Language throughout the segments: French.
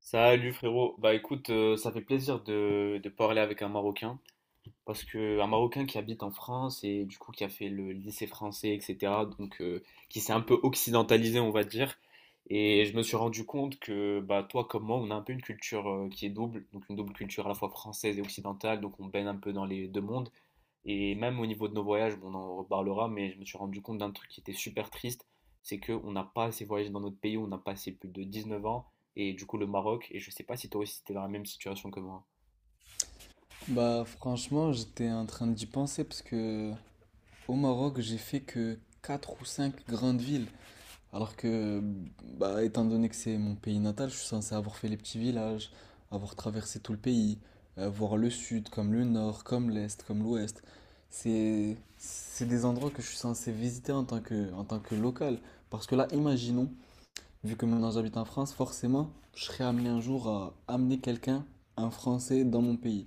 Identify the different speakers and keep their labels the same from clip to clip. Speaker 1: Salut frérot, bah écoute, ça fait plaisir de parler avec un Marocain. Parce qu'un Marocain qui habite en France et du coup qui a fait le lycée français, etc., donc qui s'est un peu occidentalisé, on va dire. Et je me suis rendu compte que bah, toi comme moi, on a un peu une culture qui est double, donc une double culture à la fois française et occidentale, donc on baigne un peu dans les deux mondes. Et même au niveau de nos voyages, bon, on en reparlera, mais je me suis rendu compte d'un truc qui était super triste, c'est qu'on n'a pas assez voyagé dans notre pays, on n'a pas assez plus de 19 ans, et du coup le Maroc, et je sais pas si toi aussi t'es dans la même situation que moi.
Speaker 2: Bah franchement, j'étais en train d'y penser parce que au Maroc, j'ai fait que 4 ou 5 grandes villes. Alors que, bah, étant donné que c'est mon pays natal, je suis censé avoir fait les petits villages, avoir traversé tout le pays, voir le sud comme le nord, comme l'est, comme l'ouest. C'est des endroits que je suis censé visiter en tant que local. Parce que là, imaginons, vu que maintenant j'habite en France, forcément, je serai amené un jour à amener quelqu'un, un Français, dans mon pays.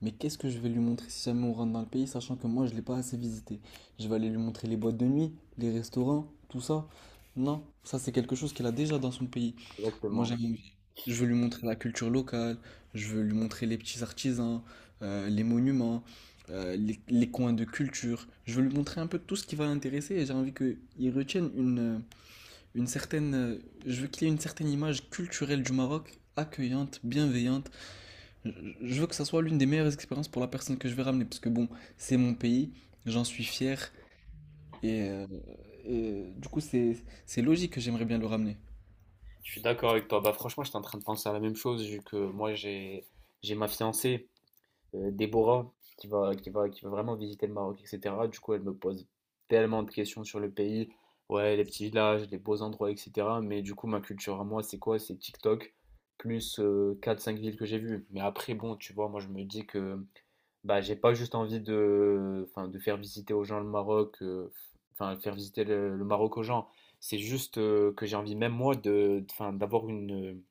Speaker 2: Mais qu'est-ce que je vais lui montrer si jamais on rentre dans le pays, sachant que moi je l'ai pas assez visité. Je vais aller lui montrer les boîtes de nuit, les restaurants, tout ça. Non, ça c'est quelque chose qu'elle a déjà dans son pays. Moi
Speaker 1: Exactement.
Speaker 2: j'aime, je veux lui montrer la culture locale, je veux lui montrer les petits artisans, les monuments, les coins de culture. Je veux lui montrer un peu tout ce qui va l'intéresser et j'ai envie qu'il retienne une certaine, euh, je veux qu'il ait une certaine image culturelle du Maroc, accueillante, bienveillante. je je veux que ça soit l'une des meilleures expériences pour la personne que je vais ramener, parce que bon, c'est mon pays, j'en suis fier, et, euh, et du coup, c'est logique que j'aimerais bien le ramener.
Speaker 1: Je suis d'accord avec toi. Bah, franchement, j'étais en train de penser à la même chose, vu que moi, j'ai ma fiancée, Déborah, qui va vraiment visiter le Maroc, etc. Du coup, elle me pose tellement de questions sur le pays. Ouais, les petits villages, les beaux endroits, etc. Mais du coup, ma culture à moi, c'est quoi? C'est TikTok, plus quatre cinq villes que j'ai vues. Mais après, bon, tu vois, moi, je me dis que bah, j'ai pas juste envie de, enfin, de faire visiter aux gens le Maroc, enfin, faire visiter le Maroc aux gens. C'est juste que j'ai envie, même moi, de, enfin, d'avoir une,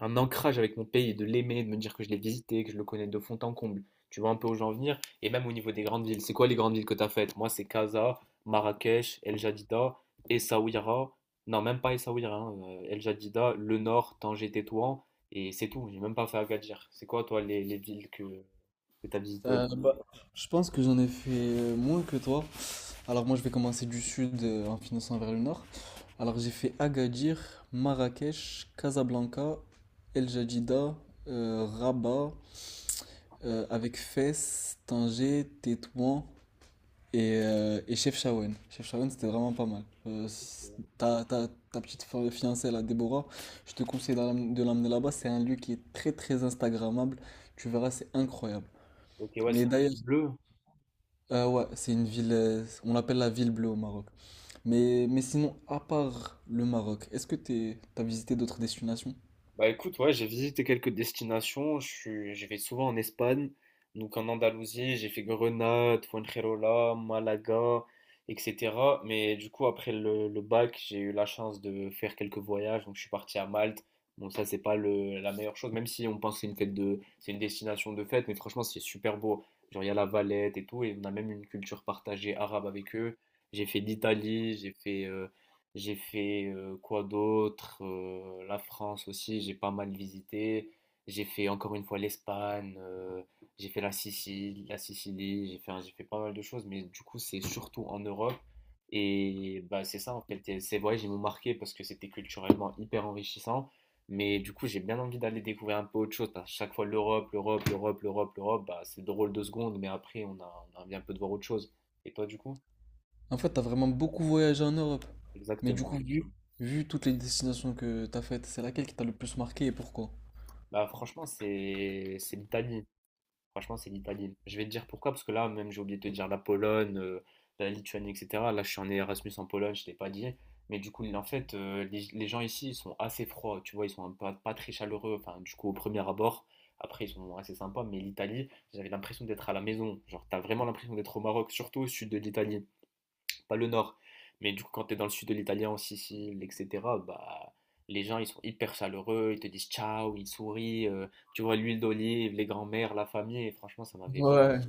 Speaker 1: un ancrage avec mon pays, de l'aimer, de me dire que je l'ai visité, que je le connais de fond en comble. Tu vois un peu où j'en venir. Et même au niveau des grandes villes, c'est quoi les grandes villes que tu as faites? Moi, c'est Casa, Marrakech, El Jadida, Essaouira. Non, même pas Essaouira, hein, El Jadida, Le Nord, Tanger, Tétouan. Et c'est tout. J'ai même pas fait Agadir. C'est quoi, toi, les villes que tu as visitées au
Speaker 2: Euh,
Speaker 1: Maroc?
Speaker 2: bah, je pense que j'en ai fait moins que toi. Alors moi, je vais commencer du sud en finançant vers le nord. Alors j'ai fait Agadir, Marrakech, Casablanca, El Jadida, Rabat, avec Fès, Tanger, Tétouan. Et Chef Shawen. Chef Shawen, c'était vraiment pas mal. Ta fiancée, là, Déborah, je te conseille de l'emmener là-bas. C'est un lieu qui est très, très Instagrammable. Tu verras, c'est incroyable.
Speaker 1: Ok, ouais,
Speaker 2: Mais
Speaker 1: c'est un vin
Speaker 2: d'ailleurs,
Speaker 1: bleu.
Speaker 2: ouais, c'est une ville, on l'appelle la ville bleue au Maroc. Mais sinon, à part le Maroc, est-ce que t'as visité d'autres destinations?
Speaker 1: Bah écoute, ouais, j'ai visité quelques destinations. Je vais souvent en Espagne, donc en Andalousie, j'ai fait Grenade, Fuengirola, Malaga, etc. Mais du coup, après le bac, j'ai eu la chance de faire quelques voyages. Donc je suis parti à Malte. Bon, ça, c'est pas la meilleure chose, même si on pense que c'est c'est une destination de fête, mais franchement, c'est super beau. Genre, il y a la Valette et tout, et on a même une culture partagée arabe avec eux. J'ai fait l'Italie, j'ai fait quoi d'autre? La France aussi, j'ai pas mal visité. J'ai fait encore une fois l'Espagne, j'ai fait la Sicile, j'ai fait pas mal de choses, mais du coup, c'est surtout en Europe. Et bah, c'est ça, en fait, et ces voyages, ils m'ont marqué parce que c'était culturellement hyper enrichissant. Mais du coup, j'ai bien envie d'aller découvrir un peu autre chose, parce que chaque fois, l'Europe, l'Europe, l'Europe, l'Europe, l'Europe, bah, c'est drôle deux secondes, mais après, on a envie un peu de voir autre chose. Et toi, du coup?
Speaker 2: En fait, t'as vraiment beaucoup voyagé en Europe. Mais du coup,
Speaker 1: Exactement.
Speaker 2: vu toutes les destinations que t'as faites, c'est laquelle qui t'a le plus marqué et pourquoi?
Speaker 1: Bah, franchement, c'est l'Italie. Franchement, c'est l'Italie. Je vais te dire pourquoi, parce que là, même, j'ai oublié de te dire la Pologne, la Lituanie, etc. Là, je suis en Erasmus en Pologne, je t'ai pas dit. Mais du coup, en fait, les gens ici, ils sont assez froids, tu vois, ils sont pas très chaleureux. Enfin, du coup, au premier abord, après, ils sont assez sympas. Mais l'Italie, j'avais l'impression d'être à la maison. Genre, t'as vraiment l'impression d'être au Maroc, surtout au sud de l'Italie pas le nord, mais du coup, quand tu es dans le sud de l'Italie en Sicile, etc., bah, les gens, ils sont hyper chaleureux, ils te disent ciao, ils sourient, tu vois, l'huile d'olive, les grands-mères, la famille, et franchement, ça m'avait vraiment...
Speaker 2: Ouais.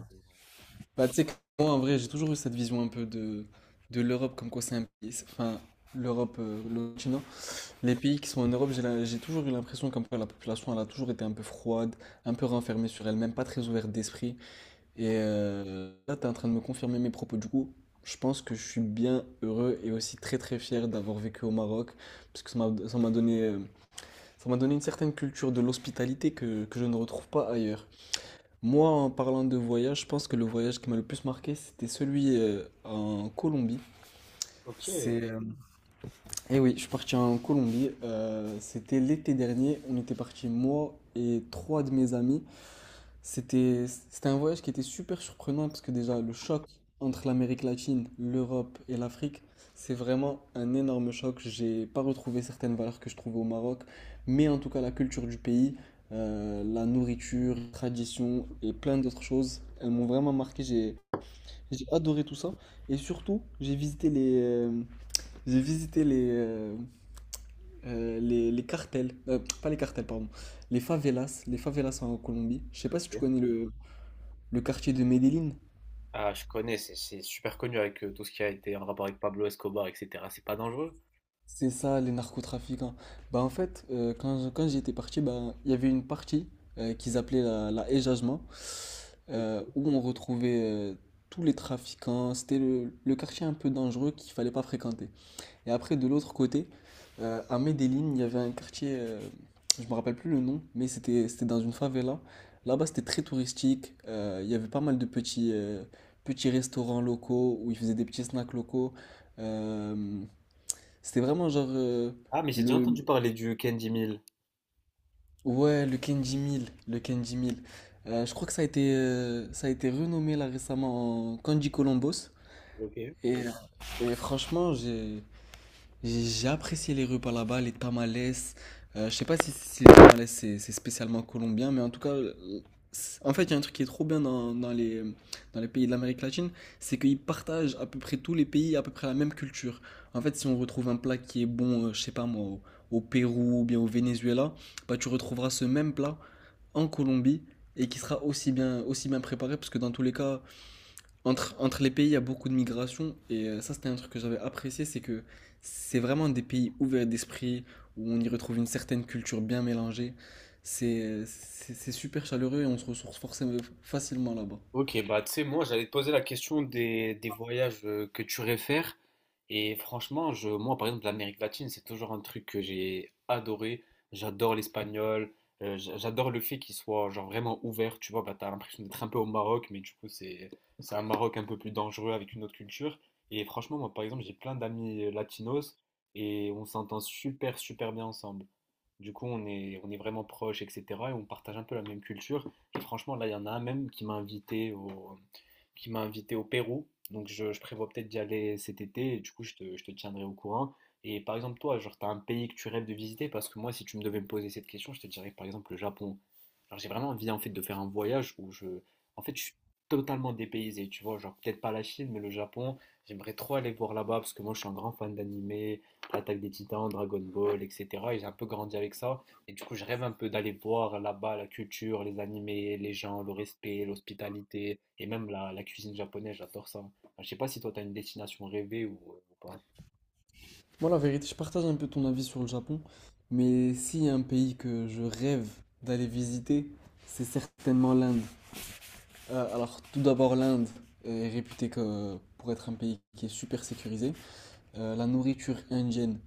Speaker 2: Bah, tu sais que moi, en vrai, j'ai toujours eu cette vision de l'Europe, comme quoi c'est un pays. Enfin, l'Europe, le continent. Les pays qui sont en Europe, j'ai toujours eu l'impression comme quoi la population, elle a toujours été un peu froide, un peu renfermée sur elle-même, pas très ouverte d'esprit. Et là, t'es en train de me confirmer mes propos. Du coup, je pense que je suis bien heureux et aussi très très fier d'avoir vécu au Maroc, parce que ça m'a donné une certaine culture de l'hospitalité que je ne retrouve pas ailleurs. Moi, en parlant de voyage, je pense que le voyage qui m'a le plus marqué, c'était celui en Colombie.
Speaker 1: Ok,
Speaker 2: C'est, euh, eh oui, je suis parti en Colombie. C'était l'été dernier. On était parti moi et trois de mes amis. C'était un voyage qui était super surprenant parce que déjà le choc entre l'Amérique latine, l'Europe et l'Afrique, c'est vraiment un énorme choc. J'ai pas retrouvé certaines valeurs que je trouvais au Maroc, mais en tout cas la culture du pays, la nourriture, les traditions et plein d'autres choses, elles m'ont vraiment marqué. J'ai adoré tout ça et surtout j'ai visité les cartels, pas les cartels pardon, les favelas en Colombie. Je sais pas si tu
Speaker 1: ok.
Speaker 2: connais le quartier de Medellín,
Speaker 1: Ah, je connais, c'est super connu avec tout ce qui a été en rapport avec Pablo Escobar, etc. C'est pas dangereux.
Speaker 2: c'est ça les narcotrafiquants. Bah en fait, quand j'étais parti, bah, il y avait une partie qu'ils appelaient la Ejajma,
Speaker 1: Ok.
Speaker 2: où on retrouvait tous les trafiquants. C'était le quartier un peu dangereux qu'il fallait pas fréquenter. Et après, de l'autre côté, à Medellín, il y avait un quartier, je me rappelle plus le nom, mais c'était dans une favela. Là-bas, c'était très touristique. Il y avait pas mal de petits, petits restaurants locaux où ils faisaient des petits snacks locaux. Euh, C'était vraiment genre
Speaker 1: Ah, mais j'ai déjà
Speaker 2: le
Speaker 1: entendu parler du Candy Mill.
Speaker 2: ouais le Kenji 1000. Je crois que ça a été renommé là récemment en Kanji Columbus.
Speaker 1: Ok.
Speaker 2: et, et franchement j'ai apprécié les repas là-bas, les tamales. Je sais pas si les tamales c'est spécialement colombien, mais en tout cas, en fait, il y a un truc qui est trop bien dans les pays de l'Amérique latine, c'est qu'ils partagent à peu près tous les pays à peu près la même culture. En fait, si on retrouve un plat qui est bon, je sais pas moi, au Pérou ou bien au Venezuela, bah tu retrouveras ce même plat en Colombie et qui sera aussi bien préparé, parce que dans tous les cas, entre les pays, il y a beaucoup de migration. Et ça, c'était un truc que j'avais apprécié, c'est que c'est vraiment des pays ouverts d'esprit, où on y retrouve une certaine culture bien mélangée. C'est super chaleureux et on se ressource forcément facilement là-bas.
Speaker 1: Ok, bah tu sais, moi j'allais te poser la question des voyages que tu réfères. Et franchement, moi par exemple, l'Amérique latine, c'est toujours un truc que j'ai adoré. J'adore l'espagnol, j'adore le fait qu'il soit genre vraiment ouvert. Tu vois, bah, t'as l'impression d'être un peu au Maroc, mais du coup, c'est un Maroc un peu plus dangereux avec une autre culture. Et franchement, moi par exemple, j'ai plein d'amis latinos et on s'entend super, super bien ensemble. Du coup, on est vraiment proches, etc. Et on partage un peu la même culture. Et franchement, là, il y en a un même qui m'a invité au Pérou. Donc, je prévois peut-être d'y aller cet été. Et du coup, je te tiendrai au courant. Et par exemple, toi, genre, t'as un pays que tu rêves de visiter parce que moi, si tu me devais me poser cette question, je te dirais par exemple le Japon. Alors, j'ai vraiment envie en fait de faire un voyage où je, en fait, je suis totalement dépaysé. Tu vois, genre peut-être pas la Chine, mais le Japon. J'aimerais trop aller voir là-bas parce que moi, je suis un grand fan d'animé, l'Attaque des Titans, Dragon Ball, etc. Et j'ai un peu grandi avec ça. Et du coup, je rêve un peu d'aller voir là-bas la culture, les animés, les gens, le respect, l'hospitalité et même la cuisine japonaise, j'adore ça. Enfin, je sais pas si toi, tu as une destination rêvée ou pas.
Speaker 2: Moi, la vérité, je partage un peu ton avis sur le Japon, mais s'il y a un pays que je rêve d'aller visiter, c'est certainement l'Inde. Alors, tout d'abord, l'Inde est pour être un pays qui est super sécurisé. La nourriture indienne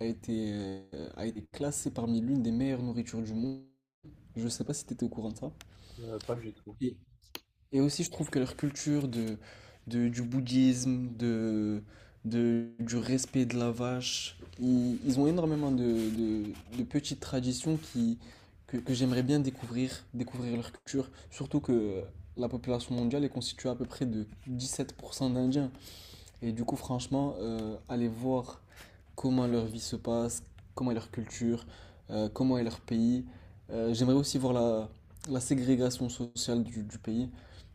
Speaker 2: a été classée parmi l'une des meilleures nourritures du monde. Je ne sais pas si tu étais au courant de ça.
Speaker 1: Pas du tout.
Speaker 2: Et, et aussi, je trouve que leur culture du bouddhisme, du respect de la vache, ils ont énormément de petites traditions que j'aimerais bien découvrir, découvrir leur culture. Surtout que la population mondiale est constituée à peu près de 17% d'Indiens. Et du coup, franchement, aller voir comment leur vie se passe, comment est leur culture, comment est leur pays. J'aimerais aussi voir la ségrégation sociale du pays.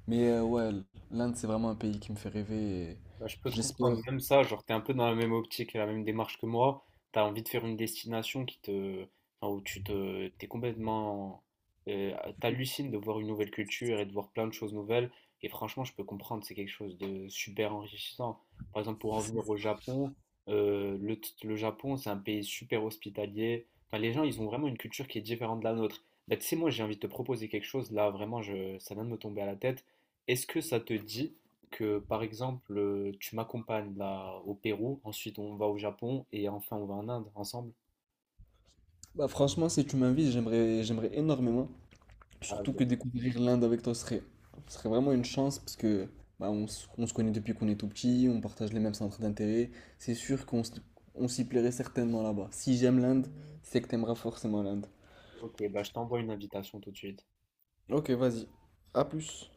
Speaker 2: Mais ouais, l'Inde, c'est vraiment un pays qui me fait rêver.
Speaker 1: Bah, je peux te
Speaker 2: J'espère.
Speaker 1: comprendre, même ça, genre t'es un peu dans la même optique et la même démarche que moi, t'as envie de faire une destination qui te, enfin, où t'es complètement, euh, t'hallucines de voir une nouvelle culture et de voir plein de choses nouvelles, et franchement je peux comprendre, c'est quelque chose de super enrichissant. Par exemple pour en venir
Speaker 2: c'est-
Speaker 1: au Japon, le Japon c'est un pays super hospitalier, enfin les gens ils ont vraiment une culture qui est différente de la nôtre. Bah, tu sais moi j'ai envie de te proposer quelque chose, là vraiment ça vient de me tomber à la tête, est-ce que ça te dit que par exemple tu m'accompagnes là au Pérou, ensuite on va au Japon et enfin on va en Inde ensemble.
Speaker 2: Bah, franchement, si tu m'invites, j'aimerais énormément.
Speaker 1: Ah,
Speaker 2: Surtout que
Speaker 1: ben,
Speaker 2: découvrir l'Inde avec toi serait vraiment une chance parce que bah, on se connaît depuis qu'on est tout petit, on partage les mêmes centres d'intérêt. C'est sûr qu'on s- on s'y plairait certainement là-bas. Si j'aime l'Inde, c'est que t'aimeras forcément l'Inde.
Speaker 1: ok, bah, je t'envoie une invitation tout de suite.
Speaker 2: Ok, vas-y. À plus.